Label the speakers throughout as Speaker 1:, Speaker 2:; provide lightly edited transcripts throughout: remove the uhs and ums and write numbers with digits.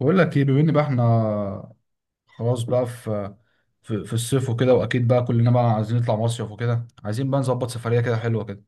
Speaker 1: بقول لك ايه، بما ان بقى احنا خلاص بقى في الصيف وكده. واكيد بقى كلنا بقى عايزين نطلع مصيف وكده، عايزين بقى نظبط سفريه كده حلوه كده.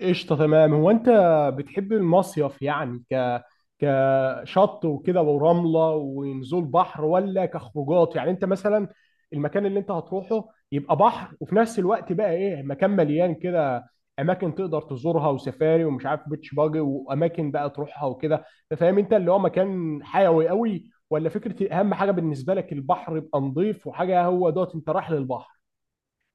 Speaker 2: قشطة، تمام. هو أنت بتحب المصيف يعني كشط وكده ورملة ونزول بحر ولا كخروجات؟ يعني أنت مثلا المكان اللي أنت هتروحه يبقى بحر وفي نفس الوقت بقى إيه، مكان مليان كده أماكن تقدر تزورها وسفاري ومش عارف بيتش باجي وأماكن بقى تروحها وكده، فاهم؟ أنت اللي هو مكان حيوي قوي ولا فكرة أهم حاجة بالنسبة لك البحر يبقى نظيف وحاجة؟ هو دوت أنت رايح للبحر.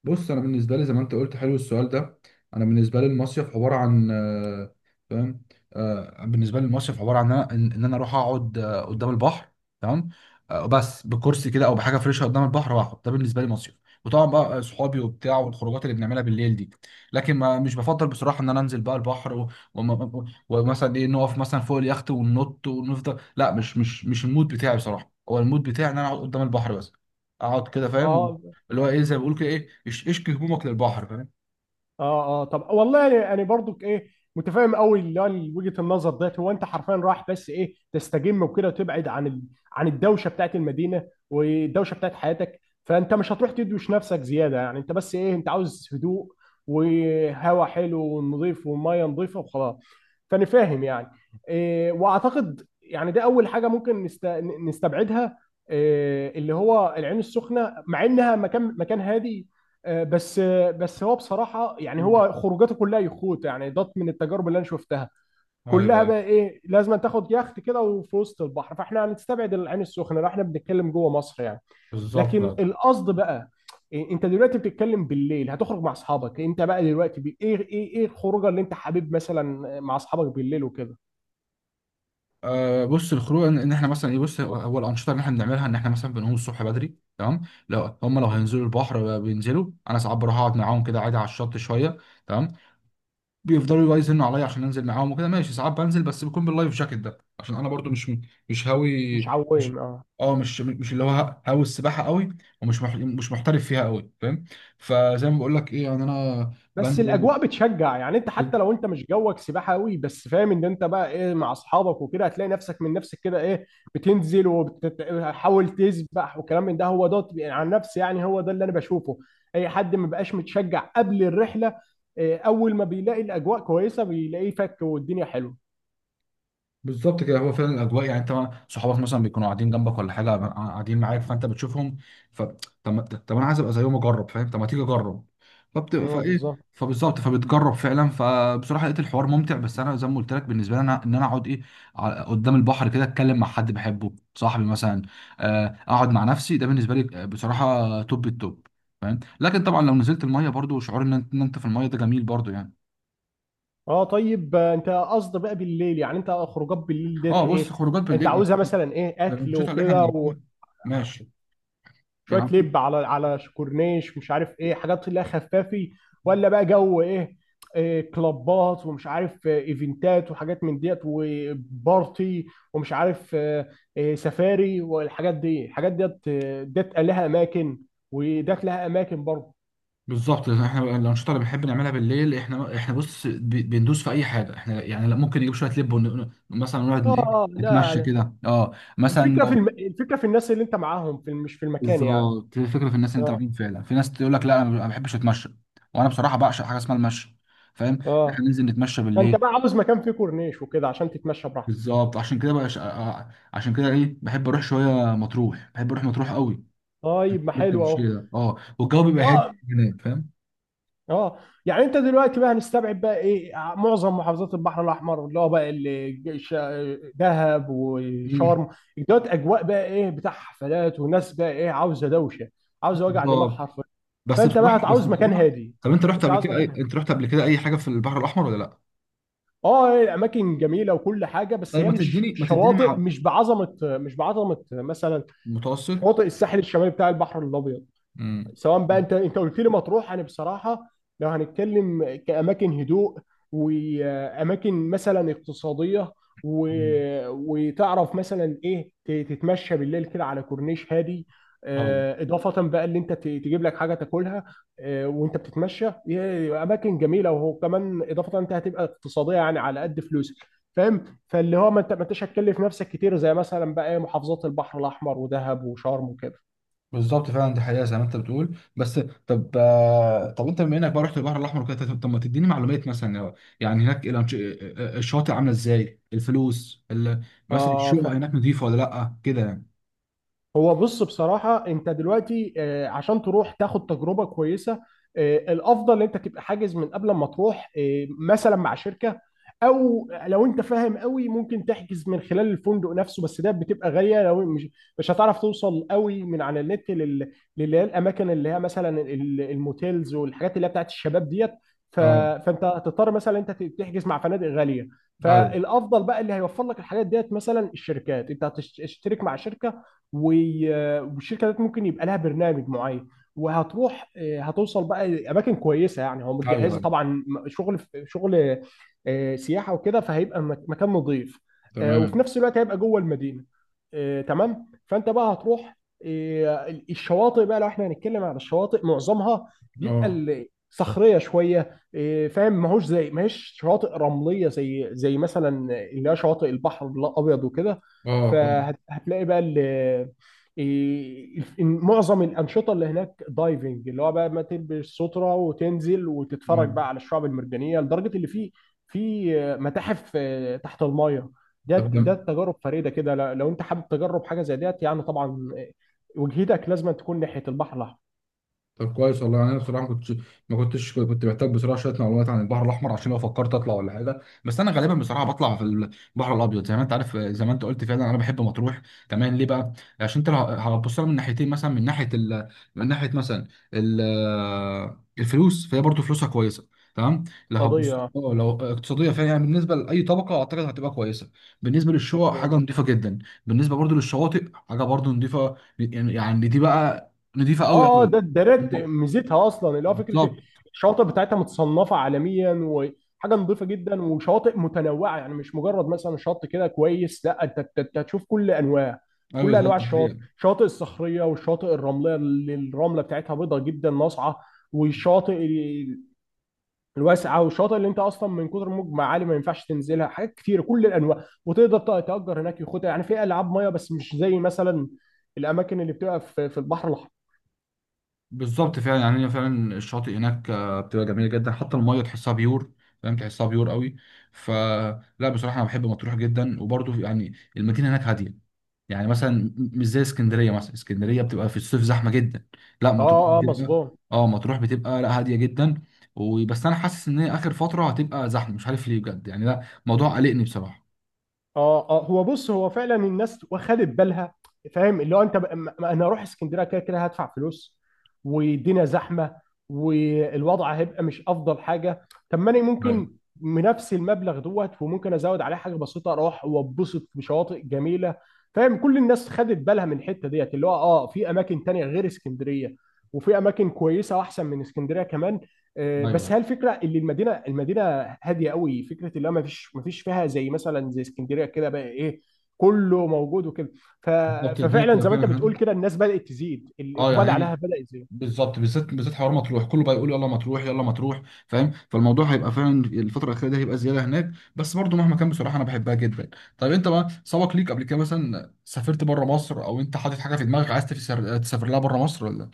Speaker 1: بص، انا بالنسبه لي زي ما انت قلت، حلو السؤال ده. انا بالنسبه لي المصيف عباره عن فاهم. بالنسبه لي المصيف عباره عن ان انا إن أنا اروح اقعد قدام البحر، تمام. بس بكرسي كده او بحاجه فريشه قدام البحر واقعد، ده بالنسبه لي مصيف. وطبعا بقى صحابي وبتاع والخروجات اللي بنعملها بالليل دي. لكن ما مش بفضل بصراحه ان انا انزل بقى البحر ومثلا ايه نقف مثلا فوق اليخت وننط ونفضل، لا، مش المود بتاعي بصراحه. هو المود بتاعي ان انا اقعد قدام البحر بس، اقعد كده فاهم.
Speaker 2: أه
Speaker 1: اللي هو ايه، زي ما بيقولوا كده، ايه اشكي همومك للبحر فاهم.
Speaker 2: اه اه. طب والله يعني يعني برضك ايه، متفاهم قوي اللي هو وجهه النظر ديت. هو انت حرفيا رايح بس ايه، تستجم وكده وتبعد عن عن الدوشه بتاعت المدينه والدوشه بتاعت حياتك، فانت مش هتروح تدوش نفسك زياده. يعني انت بس ايه، انت عاوز هدوء وهواء حلو ونظيف وميه نظيفه وخلاص، فانا فاهم يعني. واعتقد يعني ده اول حاجه ممكن نستبعدها، اللي هو العين السخنه، مع انها مكان هادي. بس هو بصراحه يعني
Speaker 1: مم.
Speaker 2: هو خروجاته كلها يخوت، يعني ده من التجارب اللي انا شفتها
Speaker 1: ايوه
Speaker 2: كلها
Speaker 1: ايوه،
Speaker 2: بقى ايه، لازم تاخد يخت كده وفي وسط البحر. فاحنا هنستبعد العين السخنه لو احنا بنتكلم جوه مصر يعني.
Speaker 1: بالظبط.
Speaker 2: لكن
Speaker 1: آه.
Speaker 2: القصد بقى انت دلوقتي بتتكلم بالليل هتخرج مع اصحابك، انت بقى دلوقتي بي... ايه ايه ايه الخروجه اللي انت حابب مثلا مع اصحابك بالليل وكده؟
Speaker 1: بص، الخروج إن احنا مثلا ايه. بص، هو الانشطه اللي احنا بنعملها ان احنا مثلا بنقوم الصبح بدري، تمام. لو
Speaker 2: اوكي.
Speaker 1: هينزلوا البحر بينزلوا. انا ساعات بروح اقعد معاهم كده عادي على الشط شويه، تمام. بيفضلوا بقى يزنوا عليا عشان انزل معاهم وكده، ماشي. ساعات بنزل، بس بيكون باللايف جاكيت ده عشان انا برضو مش هاوي.
Speaker 2: مش عويم،
Speaker 1: مش
Speaker 2: اه.
Speaker 1: اه مش مش اللي هو هاوي السباحه قوي. مش محترف فيها قوي فاهم. فزي ما بقول لك ايه، يعني انا
Speaker 2: بس
Speaker 1: بنزل.
Speaker 2: الاجواء بتشجع، يعني انت حتى لو انت مش جوك سباحه قوي بس فاهم ان انت بقى ايه، مع اصحابك وكده هتلاقي نفسك من نفسك كده ايه، بتنزل وبتحاول تسبح وكلام من ده. هو ده عن نفسي، يعني هو ده اللي انا بشوفه. اي حد ما بقاش متشجع قبل الرحله اول ما بيلاقي الاجواء كويسه بيلاقيه فك والدنيا حلوه.
Speaker 1: بالظبط كده، هو فعلا الاجواء. يعني انت صحابك مثلا بيكونوا قاعدين جنبك ولا حاجه، قاعدين معاك فانت بتشوفهم. ف طب ما- طب انا عايز ابقى زيهم اجرب فاهم. طب ما تيجي اجرب.
Speaker 2: اه
Speaker 1: فايه،
Speaker 2: بالظبط.
Speaker 1: فبالظبط، فبتجرب فعلا. فبصراحه لقيت الحوار ممتع. بس انا زي ما قلت لك، بالنسبه لي ان انا اقعد قدام البحر كده، اتكلم مع حد بحبه صاحبي مثلا. اقعد مع نفسي، ده بالنسبه لي بصراحه توب التوب فاهم. لكن طبعا لو نزلت الميه، برضو شعور ان انت إن أنت في الميه ده جميل برضو يعني.
Speaker 2: اه طيب، انت قصد بقى بالليل، يعني انت خروجات بالليل
Speaker 1: اه،
Speaker 2: ديت
Speaker 1: بص،
Speaker 2: ايه
Speaker 1: خروجات
Speaker 2: انت
Speaker 1: بالليل
Speaker 2: عاوزها؟ مثلا ايه، اكل
Speaker 1: الانشطه اللي احنا
Speaker 2: وكده وشويه
Speaker 1: بنعملها، ماشي. العم-
Speaker 2: لب على على كورنيش، مش عارف ايه حاجات اللي هي خفافي، ولا بقى جو ايه، إيه كلابات ومش عارف، ايفنتات وحاجات من ديت وبارتي، ومش عارف، إيه سفاري والحاجات دي؟ الحاجات ديت ديت لها اماكن وديت لها اماكن برضه.
Speaker 1: بالظبط، احنا الانشطه اللي بنحب نعملها بالليل، احنا بص بندوس في اي حاجه. احنا يعني، لا، ممكن نجيب شويه لب مثلا نقعد ن- ايه
Speaker 2: اه اه لا.
Speaker 1: نتمشى
Speaker 2: يعني
Speaker 1: كده، مثلا
Speaker 2: الفكره في
Speaker 1: لو
Speaker 2: الفكره في الناس اللي انت معاهم في مش في المكان يعني.
Speaker 1: بالظبط. هي الفكره في الناس اللي انت
Speaker 2: اه
Speaker 1: معاهم فعلا. في ناس تقول لك لا انا ما بحبش اتمشى، وانا بصراحه بعشق حاجه اسمها المشي فاهم.
Speaker 2: اه.
Speaker 1: احنا ننزل نتمشى
Speaker 2: فانت
Speaker 1: بالليل.
Speaker 2: بقى عاوز مكان فيه كورنيش وكده عشان تتمشى براحتك؟
Speaker 1: بالظبط. عشان كده بحب اروح شويه مطروح، بحب اروح مطروح قوي
Speaker 2: طيب، ما حلو
Speaker 1: بالتمشيه
Speaker 2: اهو.
Speaker 1: ده. اه والجو بيبقى هادي
Speaker 2: اه
Speaker 1: هناك فاهم.
Speaker 2: اه. يعني انت دلوقتي بقى هنستبعد بقى ايه، معظم محافظات البحر الاحمر، اللي هو بقى اللي دهب
Speaker 1: مم،
Speaker 2: وشرم. دوت اجواء بقى ايه، بتاع حفلات وناس بقى ايه، عاوزه دوشه، عاوزه وجع دماغ
Speaker 1: بالظبط.
Speaker 2: حرفيا.
Speaker 1: بس
Speaker 2: فانت بقى
Speaker 1: بصراحه بس
Speaker 2: هتعوز مكان
Speaker 1: بصراحه
Speaker 2: هادي،
Speaker 1: طب
Speaker 2: انت عاوز مكان هادي.
Speaker 1: انت رحت قبل كده اي حاجه في البحر الاحمر ولا لا؟
Speaker 2: اه هي الاماكن جميله وكل حاجه، بس
Speaker 1: طيب،
Speaker 2: هي
Speaker 1: ما
Speaker 2: مش
Speaker 1: تديني
Speaker 2: مش
Speaker 1: ما تديني
Speaker 2: شواطئ،
Speaker 1: مع
Speaker 2: مش بعظمه، مش بعظمه مثلا
Speaker 1: متوسط.
Speaker 2: شواطئ الساحل الشمالي بتاع البحر الابيض.
Speaker 1: امم
Speaker 2: سواء بقى انت قلت لي مطروح. انا بصراحه لو هنتكلم كاماكن هدوء واماكن مثلا اقتصاديه و...
Speaker 1: مم.
Speaker 2: وتعرف مثلا ايه، تتمشى بالليل كده على كورنيش هادي.
Speaker 1: ايوه
Speaker 2: اضافه بقى اللي انت تجيب لك حاجه تاكلها وانت بتتمشى. اماكن جميله، وهو كمان اضافه انت هتبقى اقتصاديه، يعني على قد فلوسك فاهم؟ فاللي هو ما انت ما انتش هتكلف نفسك كتير زي مثلا بقى محافظات البحر الاحمر ودهب وشرم وكده.
Speaker 1: بالظبط فعلا، دي حقيقه زي ما انت بتقول. بس طب انت بما انك بقى رحت البحر الاحمر وكده، طب ما تديني معلومات مثلا يعني هناك الشواطئ عامله ازاي، الفلوس مثلا الشقق
Speaker 2: اه.
Speaker 1: هناك نظيفه ولا لا كده يعني؟
Speaker 2: هو بص بصراحة انت دلوقتي عشان تروح تاخد تجربة كويسة الافضل ان انت تبقى حاجز من قبل ما تروح، مثلا مع شركة. او لو انت فاهم قوي ممكن تحجز من خلال الفندق نفسه، بس ده بتبقى غالية. لو مش هتعرف توصل قوي من على النت للي هي الاماكن اللي هي مثلا الموتيلز والحاجات اللي هي بتاعت الشباب ديت، ف-
Speaker 1: اه
Speaker 2: فانت هتضطر مثلا انت تحجز مع فنادق غالية.
Speaker 1: ايوه
Speaker 2: فالافضل بقى اللي هيوفر لك الحاجات ديت مثلا الشركات، انت هتشترك مع شركة، والشركه ديت ممكن يبقى لها برنامج معين وهتروح، هتوصل بقى اماكن كويسه، يعني هو
Speaker 1: ايوه
Speaker 2: متجهزه
Speaker 1: ايوه،
Speaker 2: طبعا شغل شغل سياحه وكده، فهيبقى مكان نظيف وفي
Speaker 1: تمام.
Speaker 2: نفس الوقت هيبقى جوه المدينه. تمام. فانت بقى هتروح الشواطئ بقى، لو احنا هنتكلم على الشواطئ معظمها بيبقى
Speaker 1: اه
Speaker 2: صخريه شويه، فاهم؟ ما هوش زي ما هيش شواطئ رمليه زي مثلا اللي هي شواطئ البحر الابيض وكده.
Speaker 1: اه اه.
Speaker 2: فهتلاقي بقى ال معظم الانشطه اللي هناك دايفنج، اللي هو بقى ما تلبس ستره وتنزل وتتفرج
Speaker 1: آه.
Speaker 2: بقى على الشعب المرجانيه، لدرجه اللي في في متاحف تحت المايه. ده ده
Speaker 1: طب
Speaker 2: تجارب فريده كده، لو انت حابب تجرب حاجه زي ديت، يعني طبعا وجهتك لازم تكون ناحيه البحر الاحمر.
Speaker 1: طب كويس والله يعني. انا بصراحه ما كنتش كنت محتاج بصراحه شويه معلومات عن البحر الاحمر، عشان لو فكرت اطلع ولا حاجه. بس انا غالبا بصراحه بطلع في البحر الابيض، زي ما انت عارف، زي ما انت قلت فعلا، انا بحب مطروح، تمام. ليه بقى؟ عشان انت لو هتبص لها من ناحيتين، مثلا من ناحيه ال... من ناحيه مثلا ال... الفلوس فهي برضو فلوسها كويسه، تمام. لو هتبص
Speaker 2: قضيه
Speaker 1: لو اقتصاديه، فهي يعني بالنسبه لاي طبقه اعتقد هتبقى كويسه. بالنسبه للشقق
Speaker 2: مظبوط.
Speaker 1: حاجه نظيفه جدا. بالنسبه برضو للشواطئ، حاجه برضو نظيفه يعني دي بقى نضيفه قوي
Speaker 2: اه اه. ده
Speaker 1: قوي.
Speaker 2: ده ريت ميزتها اصلا، اللي هو فكره
Speaker 1: بالظبط.
Speaker 2: الشواطئ بتاعتها متصنفه عالميا وحاجه نظيفه جدا وشواطئ متنوعه، يعني مش مجرد مثلا شط كده كويس، لا انت انت هتشوف كل انواع
Speaker 1: ايوه،
Speaker 2: كل
Speaker 1: بالظبط،
Speaker 2: انواع
Speaker 1: دي
Speaker 2: الشواطئ،
Speaker 1: حقيقة.
Speaker 2: الشواطئ الصخريه والشواطئ الرمليه اللي الرمله بتاعتها بيضاء جدا ناصعه، والشاطئ الواسعه، والشاطئ اللي انت اصلا من كتر موج معالي ما ينفعش تنزلها حاجات كتير، كل الانواع. وتقدر تأجر هناك يخوت، يعني في العاب ميه، بس مش زي مثلا الاماكن اللي بتبقى في في البحر الاحمر.
Speaker 1: بالظبط فعلا يعني، هي فعلا الشاطئ هناك بتبقى جميله جدا. حتى الميه تحسها بيور فاهم، تحسها بيور قوي. فلا، بصراحه انا بحب مطروح جدا. وبرضه يعني المدينه هناك هاديه. يعني مثلا مش زي اسكندريه. مثلا اسكندريه بتبقى في الصيف زحمه جدا. لا مطروح
Speaker 2: اه اه
Speaker 1: بتبقى
Speaker 2: مظبوط.
Speaker 1: اه مطروح بتبقى لا، هاديه جدا. وبس انا حاسس ان هي اخر فتره هتبقى زحمه، مش عارف ليه بجد يعني، لا موضوع قلقني بصراحه.
Speaker 2: اه اه. هو بص، هو فعلا الناس واخدت بالها، فاهم؟ اللي هو انت بقى، ما انا اروح اسكندريه كده كده هدفع فلوس والدنيا زحمه والوضع هيبقى مش افضل حاجه، طب ما انا
Speaker 1: ايوه
Speaker 2: ممكن بنفس المبلغ دوت وممكن ازود عليه حاجه بسيطه اروح واتبسط بشواطئ جميله، فاهم؟ كل الناس خدت بالها من الحته ديت، اللي هو اه في اماكن تانية غير اسكندريه وفي اماكن كويسه واحسن من اسكندريه كمان. بس
Speaker 1: ايوه،
Speaker 2: هي الفكره اللي المدينه فيها هاديه قوي، فكره اللي هو ما فيش فيها زي مثلا زي اسكندريه كده بقى ايه، كله موجود وكده. ف...
Speaker 1: بالظبط. الدنيا
Speaker 2: ففعلا
Speaker 1: بتبقى
Speaker 2: زي ما انت
Speaker 1: فعلا هاديه.
Speaker 2: بتقول كده الناس بدات تزيد،
Speaker 1: اه
Speaker 2: الاقبال عليها
Speaker 1: يعني
Speaker 2: بدا يزيد.
Speaker 1: بالظبط، بالذات بالذات حوار مطروح كله بقى يقول يلا مطروح يلا مطروح فاهم. فالموضوع هيبقى فعلا الفتره الاخيره دي هيبقى زياده هناك. بس برضو مهما كان، بصراحه انا بحبها جدا. طيب، انت بقى سبق ليك قبل كده مثلا سافرت بره مصر، او انت حاطط حاجه في دماغك عايز تسافر لها بره مصر ولا؟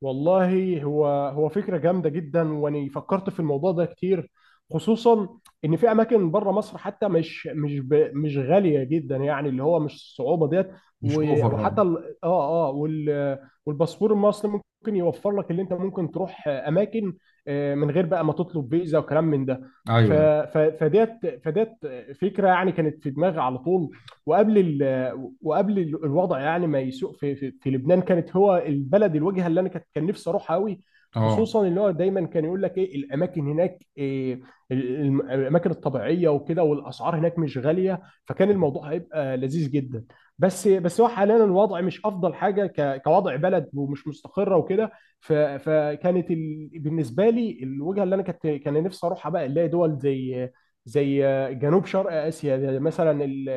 Speaker 2: والله هو هو فكرة جامدة جدا، وأنا فكرت في الموضوع ده كتير، خصوصا إن في أماكن بره مصر حتى مش غالية جدا، يعني اللي هو مش الصعوبة ديت،
Speaker 1: مش
Speaker 2: و...
Speaker 1: اوفر. اه
Speaker 2: وحتى ال... آه آه وال... والباسبور المصري ممكن يوفر لك اللي أنت ممكن تروح أماكن من غير بقى ما تطلب فيزا وكلام من ده. ف...
Speaker 1: ايوه.
Speaker 2: ف... فديت فديت فكرة يعني كانت في دماغي على طول. وقبل ال... وقبل الوضع يعني ما يسوء في لبنان، كانت هو البلد الوجهه اللي انا كان نفسي اروحها قوي،
Speaker 1: اه
Speaker 2: خصوصا اللي هو دايما كان يقول لك ايه، الاماكن هناك، إيه الاماكن الطبيعيه وكده، والاسعار هناك مش غاليه، فكان الموضوع هيبقى لذيذ جدا. بس هو حاليا الوضع مش افضل حاجه، كوضع بلد، ومش مستقره وكده. بالنسبه لي الوجهه اللي انا كنت كان نفسي اروحها بقى، اللي هي دول زي زي جنوب شرق اسيا، زي مثلا ال-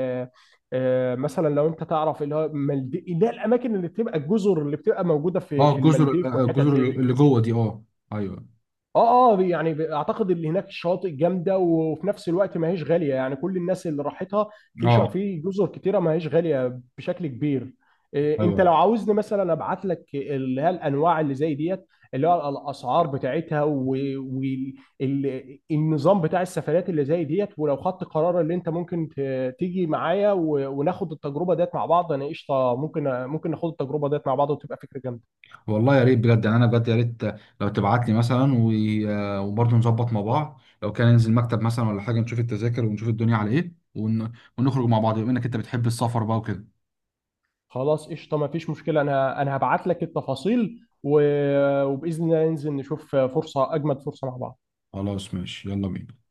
Speaker 2: آه، مثلا لو انت تعرف اللي هو مالديف، اللي هي الاماكن اللي بتبقى الجزر اللي بتبقى موجوده في
Speaker 1: اه.
Speaker 2: في المالديف والحتت
Speaker 1: الجزر
Speaker 2: دي.
Speaker 1: اللي جوه دي، اه. ايوه.
Speaker 2: اه اه. يعني اعتقد اللي هناك شاطئ جامده، وفي نفس الوقت ما هيش غاليه، يعني كل الناس اللي راحتها في
Speaker 1: اه.
Speaker 2: في جزر كتيره ما هيش غاليه بشكل كبير. إيه انت
Speaker 1: ايوه.
Speaker 2: لو عاوزني مثلا ابعت لك اللي هي الانواع اللي زي ديت، اللي هو الاسعار بتاعتها والنظام بتاع السفرات اللي زي ديت، ولو خدت قرار اللي انت ممكن تيجي معايا و... وناخد التجربه ديت مع بعض، انا قشطه، ممكن ناخد التجربه ديت مع بعض وتبقى فكره جامده.
Speaker 1: والله يا ريت بجد، يعني انا بجد يا ريت. لو تبعت لي مثلا وبرضه نظبط مع بعض لو كان ننزل مكتب مثلا ولا حاجه، نشوف التذاكر ونشوف الدنيا على ايه ونخرج مع بعض، بما انك انت بتحب السفر بقى وكده.
Speaker 2: خلاص قشطه، ما فيش مشكله، انا هبعت لك التفاصيل و... وباذن الله ننزل نشوف فرصه، اجمد فرصه مع بعض.
Speaker 1: خلاص ماشي، يلا بينا.